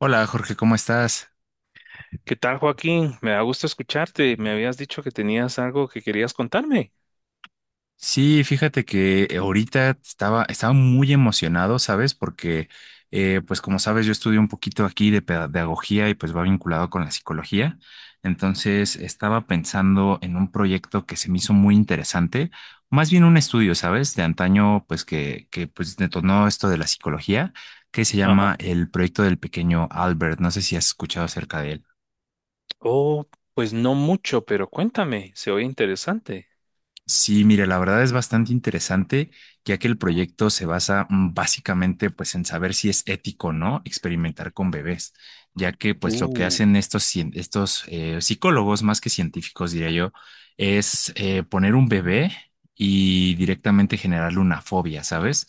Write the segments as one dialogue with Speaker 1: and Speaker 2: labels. Speaker 1: Hola Jorge, ¿cómo estás?
Speaker 2: ¿Qué tal, Joaquín? Me da gusto escucharte. Me habías dicho que tenías algo que querías contarme.
Speaker 1: Sí, fíjate que ahorita estaba muy emocionado, ¿sabes? Porque, pues como sabes, yo estudio un poquito aquí de pedagogía y pues va vinculado con la psicología. Entonces, estaba pensando en un proyecto que se me hizo muy interesante, más bien un estudio, ¿sabes? De antaño, pues que pues detonó esto de la psicología, que se
Speaker 2: Ajá.
Speaker 1: llama el proyecto del pequeño Albert. No sé si has escuchado acerca de él.
Speaker 2: Oh, pues no mucho, pero cuéntame, se oye interesante.
Speaker 1: Sí, mire, la verdad es bastante interesante, ya que el proyecto se basa básicamente pues en saber si es ético o no experimentar con bebés, ya que pues lo que
Speaker 2: Uh,
Speaker 1: hacen estos psicólogos, más que científicos diría yo, es poner un bebé y directamente generarle una fobia, ¿sabes?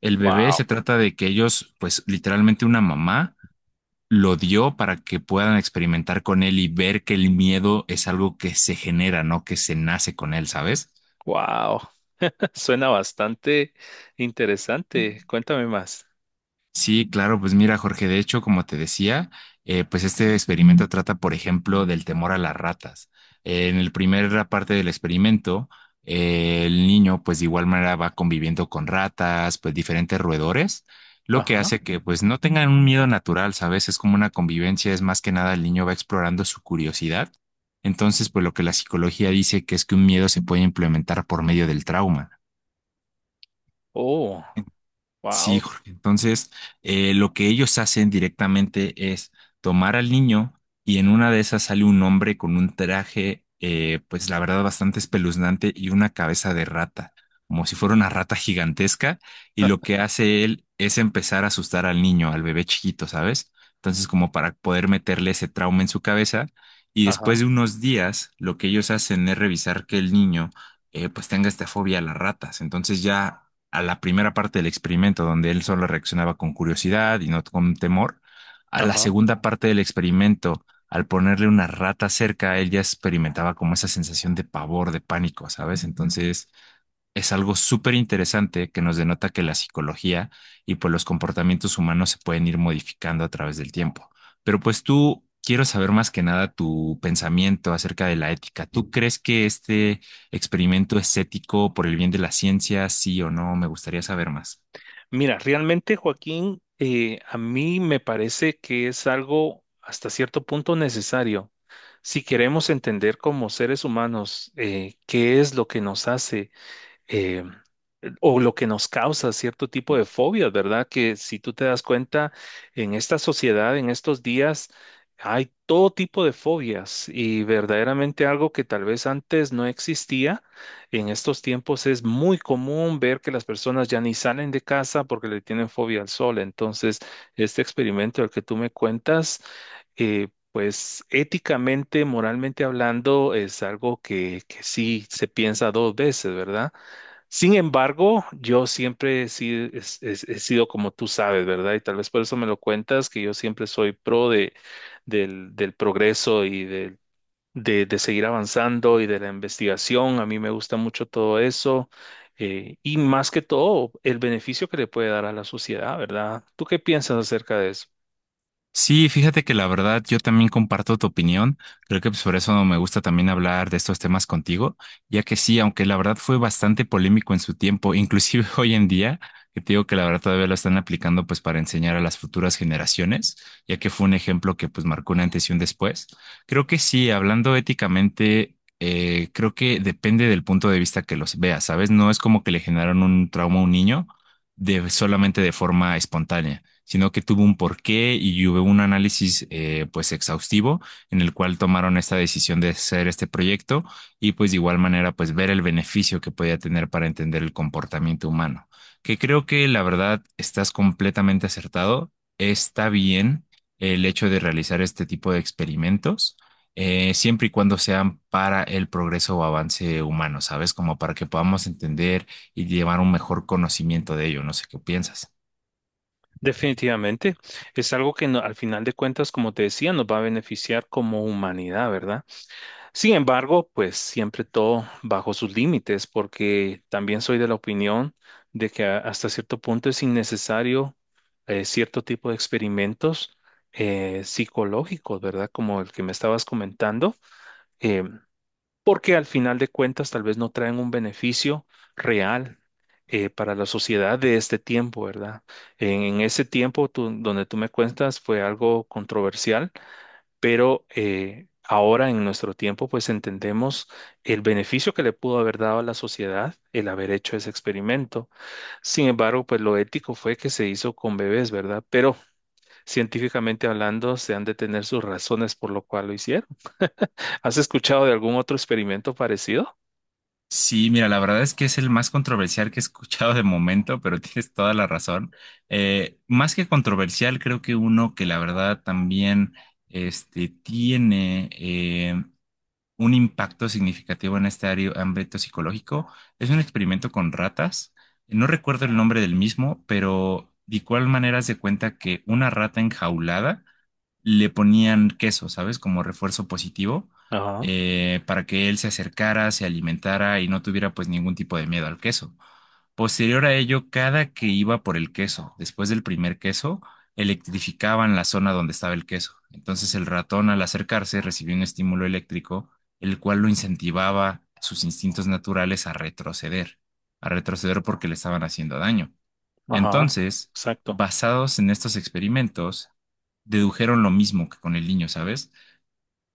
Speaker 1: El bebé
Speaker 2: wow.
Speaker 1: se trata de que ellos pues literalmente una mamá lo dio para que puedan experimentar con él y ver que el miedo es algo que se genera, no que se nace con él, ¿sabes?
Speaker 2: Wow, suena bastante interesante. Cuéntame más.
Speaker 1: Sí, claro, pues mira, Jorge, de hecho, como te decía, pues este experimento trata, por ejemplo, del temor a las ratas. En la primera parte del experimento, el niño, pues de igual manera va conviviendo con ratas, pues diferentes roedores, lo que
Speaker 2: Ajá,
Speaker 1: hace que pues no tengan un miedo natural, ¿sabes? Es como una convivencia, es más que nada el niño va explorando su curiosidad. Entonces, pues lo que la psicología dice que es que un miedo se puede implementar por medio del trauma.
Speaker 2: oh,
Speaker 1: Sí,
Speaker 2: wow.
Speaker 1: Jorge. Entonces, lo que ellos hacen directamente es tomar al niño y en una de esas sale un hombre con un traje, pues la verdad, bastante espeluznante y una cabeza de rata, como si fuera una rata gigantesca. Y lo que hace él es empezar a asustar al niño, al bebé chiquito, ¿sabes? Entonces, como para poder meterle ese trauma en su cabeza. Y después
Speaker 2: ajá,
Speaker 1: de unos días, lo que ellos hacen es revisar que el niño pues tenga esta fobia a las ratas. Entonces ya a la primera parte del experimento, donde él solo reaccionaba con curiosidad y no con temor, a la
Speaker 2: ajá.
Speaker 1: segunda parte del experimento, al ponerle una rata cerca, él ya experimentaba como esa sensación de pavor, de pánico, ¿sabes? Entonces, es algo súper interesante que nos denota que la psicología y pues los comportamientos humanos se pueden ir modificando a través del tiempo. Pero pues tú quiero saber más que nada tu pensamiento acerca de la ética. ¿Tú crees que este experimento es ético por el bien de la ciencia, sí o no? Me gustaría saber más.
Speaker 2: Mira, realmente, Joaquín, a mí me parece que es algo hasta cierto punto necesario. Si queremos entender como seres humanos qué es lo que nos hace eh, o lo que nos causa cierto tipo de fobias, ¿verdad? Que si tú te das cuenta, en esta sociedad, en estos días, hay todo tipo de fobias y verdaderamente algo que tal vez antes no existía. En estos tiempos es muy común ver que las personas ya ni salen de casa porque le tienen fobia al sol. Entonces, este experimento del que tú me cuentas, pues éticamente, moralmente hablando, es algo que sí se piensa dos veces, ¿verdad? Sin embargo, yo siempre he sido, he sido como tú sabes, ¿verdad? Y tal vez por eso me lo cuentas, que yo siempre soy pro de, del progreso y de seguir avanzando y de la investigación. A mí me gusta mucho todo eso. Y más que todo, el beneficio que le puede dar a la sociedad, ¿verdad? ¿Tú qué piensas acerca de eso?
Speaker 1: Sí, fíjate que la verdad yo también comparto tu opinión. Creo que pues, por eso me gusta también hablar de estos temas contigo, ya que sí, aunque la verdad fue bastante polémico en su tiempo, inclusive hoy en día, que te digo que la verdad todavía lo están aplicando pues para enseñar a las futuras generaciones, ya que fue un ejemplo que pues marcó un antes y un después. Creo que sí, hablando éticamente, creo que depende del punto de vista que los veas, ¿sabes? No es como que le generaron un trauma a un niño de solamente de forma espontánea, sino que tuvo un porqué y hubo un análisis pues exhaustivo en el cual tomaron esta decisión de hacer este proyecto y pues de igual manera pues ver el beneficio que podía tener para entender el comportamiento humano, que creo que la verdad estás completamente acertado, está bien el hecho de realizar este tipo de experimentos siempre y cuando sean para el progreso o avance humano, ¿sabes? Como para que podamos entender y llevar un mejor conocimiento de ello. No sé qué piensas.
Speaker 2: Definitivamente, es algo que al final de cuentas, como te decía, nos va a beneficiar como humanidad, ¿verdad? Sin embargo, pues siempre todo bajo sus límites, porque también soy de la opinión de que hasta cierto punto es innecesario cierto tipo de experimentos psicológicos, ¿verdad? Como el que me estabas comentando, eh, porque al final de cuentas tal vez no traen un beneficio real. Para la sociedad de este tiempo, ¿verdad? En ese tiempo donde tú me cuentas fue algo controversial, pero ahora en nuestro tiempo pues entendemos el beneficio que le pudo haber dado a la sociedad el haber hecho ese experimento. Sin embargo, pues lo ético fue que se hizo con bebés, ¿verdad? Pero científicamente hablando, se han de tener sus razones por lo cual lo hicieron. ¿Has escuchado de algún otro experimento parecido?
Speaker 1: Sí, mira, la verdad es que es el más controversial que he escuchado de momento, pero tienes toda la razón. Más que controversial, creo que uno que la verdad también este, tiene un impacto significativo en este ámbito psicológico es un experimento con ratas. No recuerdo el nombre del mismo, pero de igual manera se cuenta que una rata enjaulada le ponían queso, ¿sabes? Como refuerzo positivo,
Speaker 2: Ajá,
Speaker 1: para que él se acercara, se alimentara y no tuviera pues ningún tipo de miedo al queso. Posterior a ello, cada que iba por el queso, después del primer queso, electrificaban la zona donde estaba el queso. Entonces el ratón al acercarse recibió un estímulo eléctrico, el cual lo incentivaba sus instintos naturales a retroceder porque le estaban haciendo daño.
Speaker 2: ajá,
Speaker 1: Entonces,
Speaker 2: exacto.
Speaker 1: basados en estos experimentos, dedujeron lo mismo que con el niño, ¿sabes?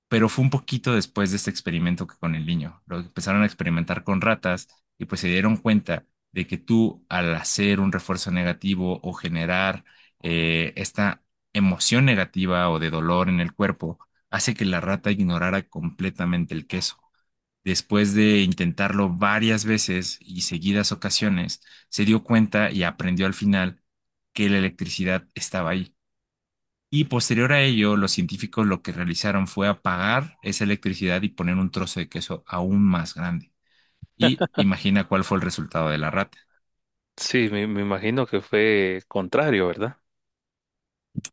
Speaker 1: Pero fue un poquito después de este experimento que con el niño. Lo empezaron a experimentar con ratas y pues se dieron cuenta de que tú al hacer un refuerzo negativo o generar esta emoción negativa o de dolor en el cuerpo, hace que la rata ignorara completamente el queso. Después de intentarlo varias veces y seguidas ocasiones, se dio cuenta y aprendió al final que la electricidad estaba ahí. Y posterior a ello, los científicos lo que realizaron fue apagar esa electricidad y poner un trozo de queso aún más grande. Y imagina cuál fue el resultado de la rata.
Speaker 2: Sí, me imagino que fue contrario, ¿verdad?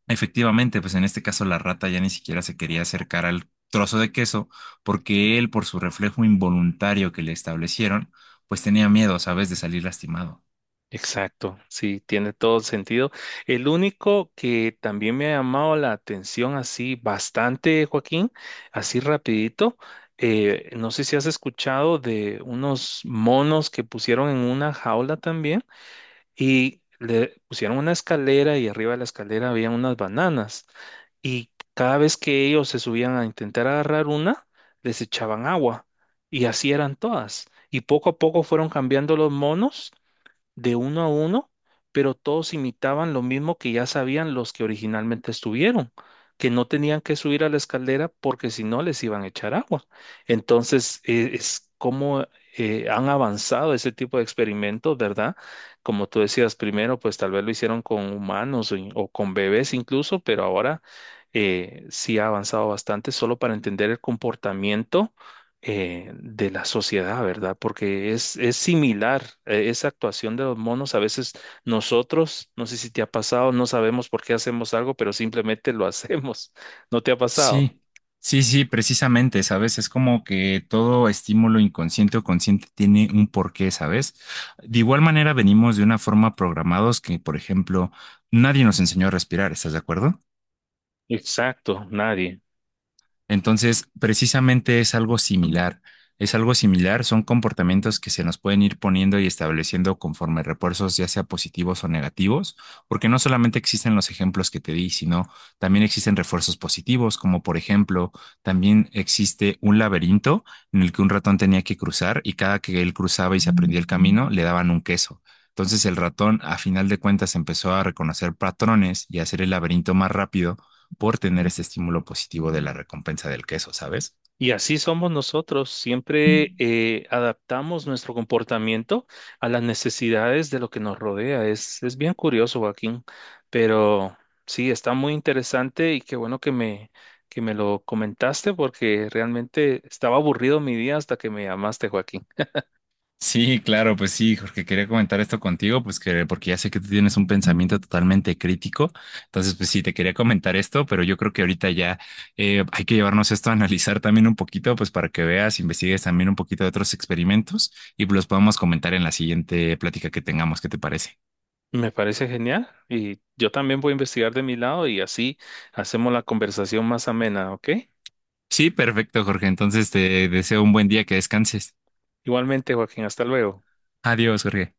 Speaker 1: Efectivamente, pues en este caso la rata ya ni siquiera se quería acercar al trozo de queso porque él, por su reflejo involuntario que le establecieron, pues tenía miedo, ¿sabes?, de salir lastimado.
Speaker 2: Exacto, sí, tiene todo sentido. El único que también me ha llamado la atención así bastante, Joaquín, así rapidito, no sé si has escuchado de unos monos que pusieron en una jaula también y le pusieron una escalera y arriba de la escalera había unas bananas y cada vez que ellos se subían a intentar agarrar una, les echaban agua y así eran todas. Y poco a poco fueron cambiando los monos de uno a uno, pero todos imitaban lo mismo que ya sabían los que originalmente estuvieron, que no tenían que subir a la escalera porque si no les iban a echar agua. Entonces, es como han avanzado ese tipo de experimentos, ¿verdad? Como tú decías primero, pues tal vez lo hicieron con humanos o con bebés incluso, pero ahora sí ha avanzado bastante solo para entender el comportamiento de la sociedad, ¿verdad? Porque es similar, esa actuación de los monos, a veces nosotros, no sé si te ha pasado, no sabemos por qué hacemos algo, pero simplemente lo hacemos. ¿No te ha pasado?
Speaker 1: Sí, sí, sí, precisamente, ¿sabes? Es como que todo estímulo inconsciente o consciente tiene un porqué, ¿sabes? De igual manera venimos de una forma programados que, por ejemplo, nadie nos enseñó a respirar, ¿estás de acuerdo?
Speaker 2: Exacto, nadie.
Speaker 1: Entonces, precisamente es algo similar. Es algo similar, son comportamientos que se nos pueden ir poniendo y estableciendo conforme refuerzos, ya sea positivos o negativos, porque no solamente existen los ejemplos que te di, sino también existen refuerzos positivos, como por ejemplo, también existe un laberinto en el que un ratón tenía que cruzar y cada que él cruzaba y se aprendía el camino, le daban un queso. Entonces el ratón, a final de cuentas, empezó a reconocer patrones y a hacer el laberinto más rápido por tener ese estímulo positivo de la recompensa del queso, ¿sabes?
Speaker 2: Y así somos nosotros, siempre adaptamos nuestro comportamiento a las necesidades de lo que nos rodea. Es es bien curioso, Joaquín, pero sí, está muy interesante y qué bueno que que me lo comentaste porque realmente estaba aburrido mi día hasta que me llamaste, Joaquín.
Speaker 1: Sí, claro, pues sí, Jorge, quería comentar esto contigo, pues que porque ya sé que tú tienes un pensamiento totalmente crítico, entonces pues sí, te quería comentar esto, pero yo creo que ahorita ya hay que llevarnos esto a analizar también un poquito, pues para que veas, investigues también un poquito de otros experimentos y pues, los podemos comentar en la siguiente plática que tengamos, ¿qué te parece?
Speaker 2: Me parece genial y yo también voy a investigar de mi lado y así hacemos la conversación más amena, ¿ok?
Speaker 1: Sí, perfecto, Jorge, entonces te deseo un buen día, que descanses.
Speaker 2: Igualmente, Joaquín, hasta luego.
Speaker 1: Adiós, Jorge.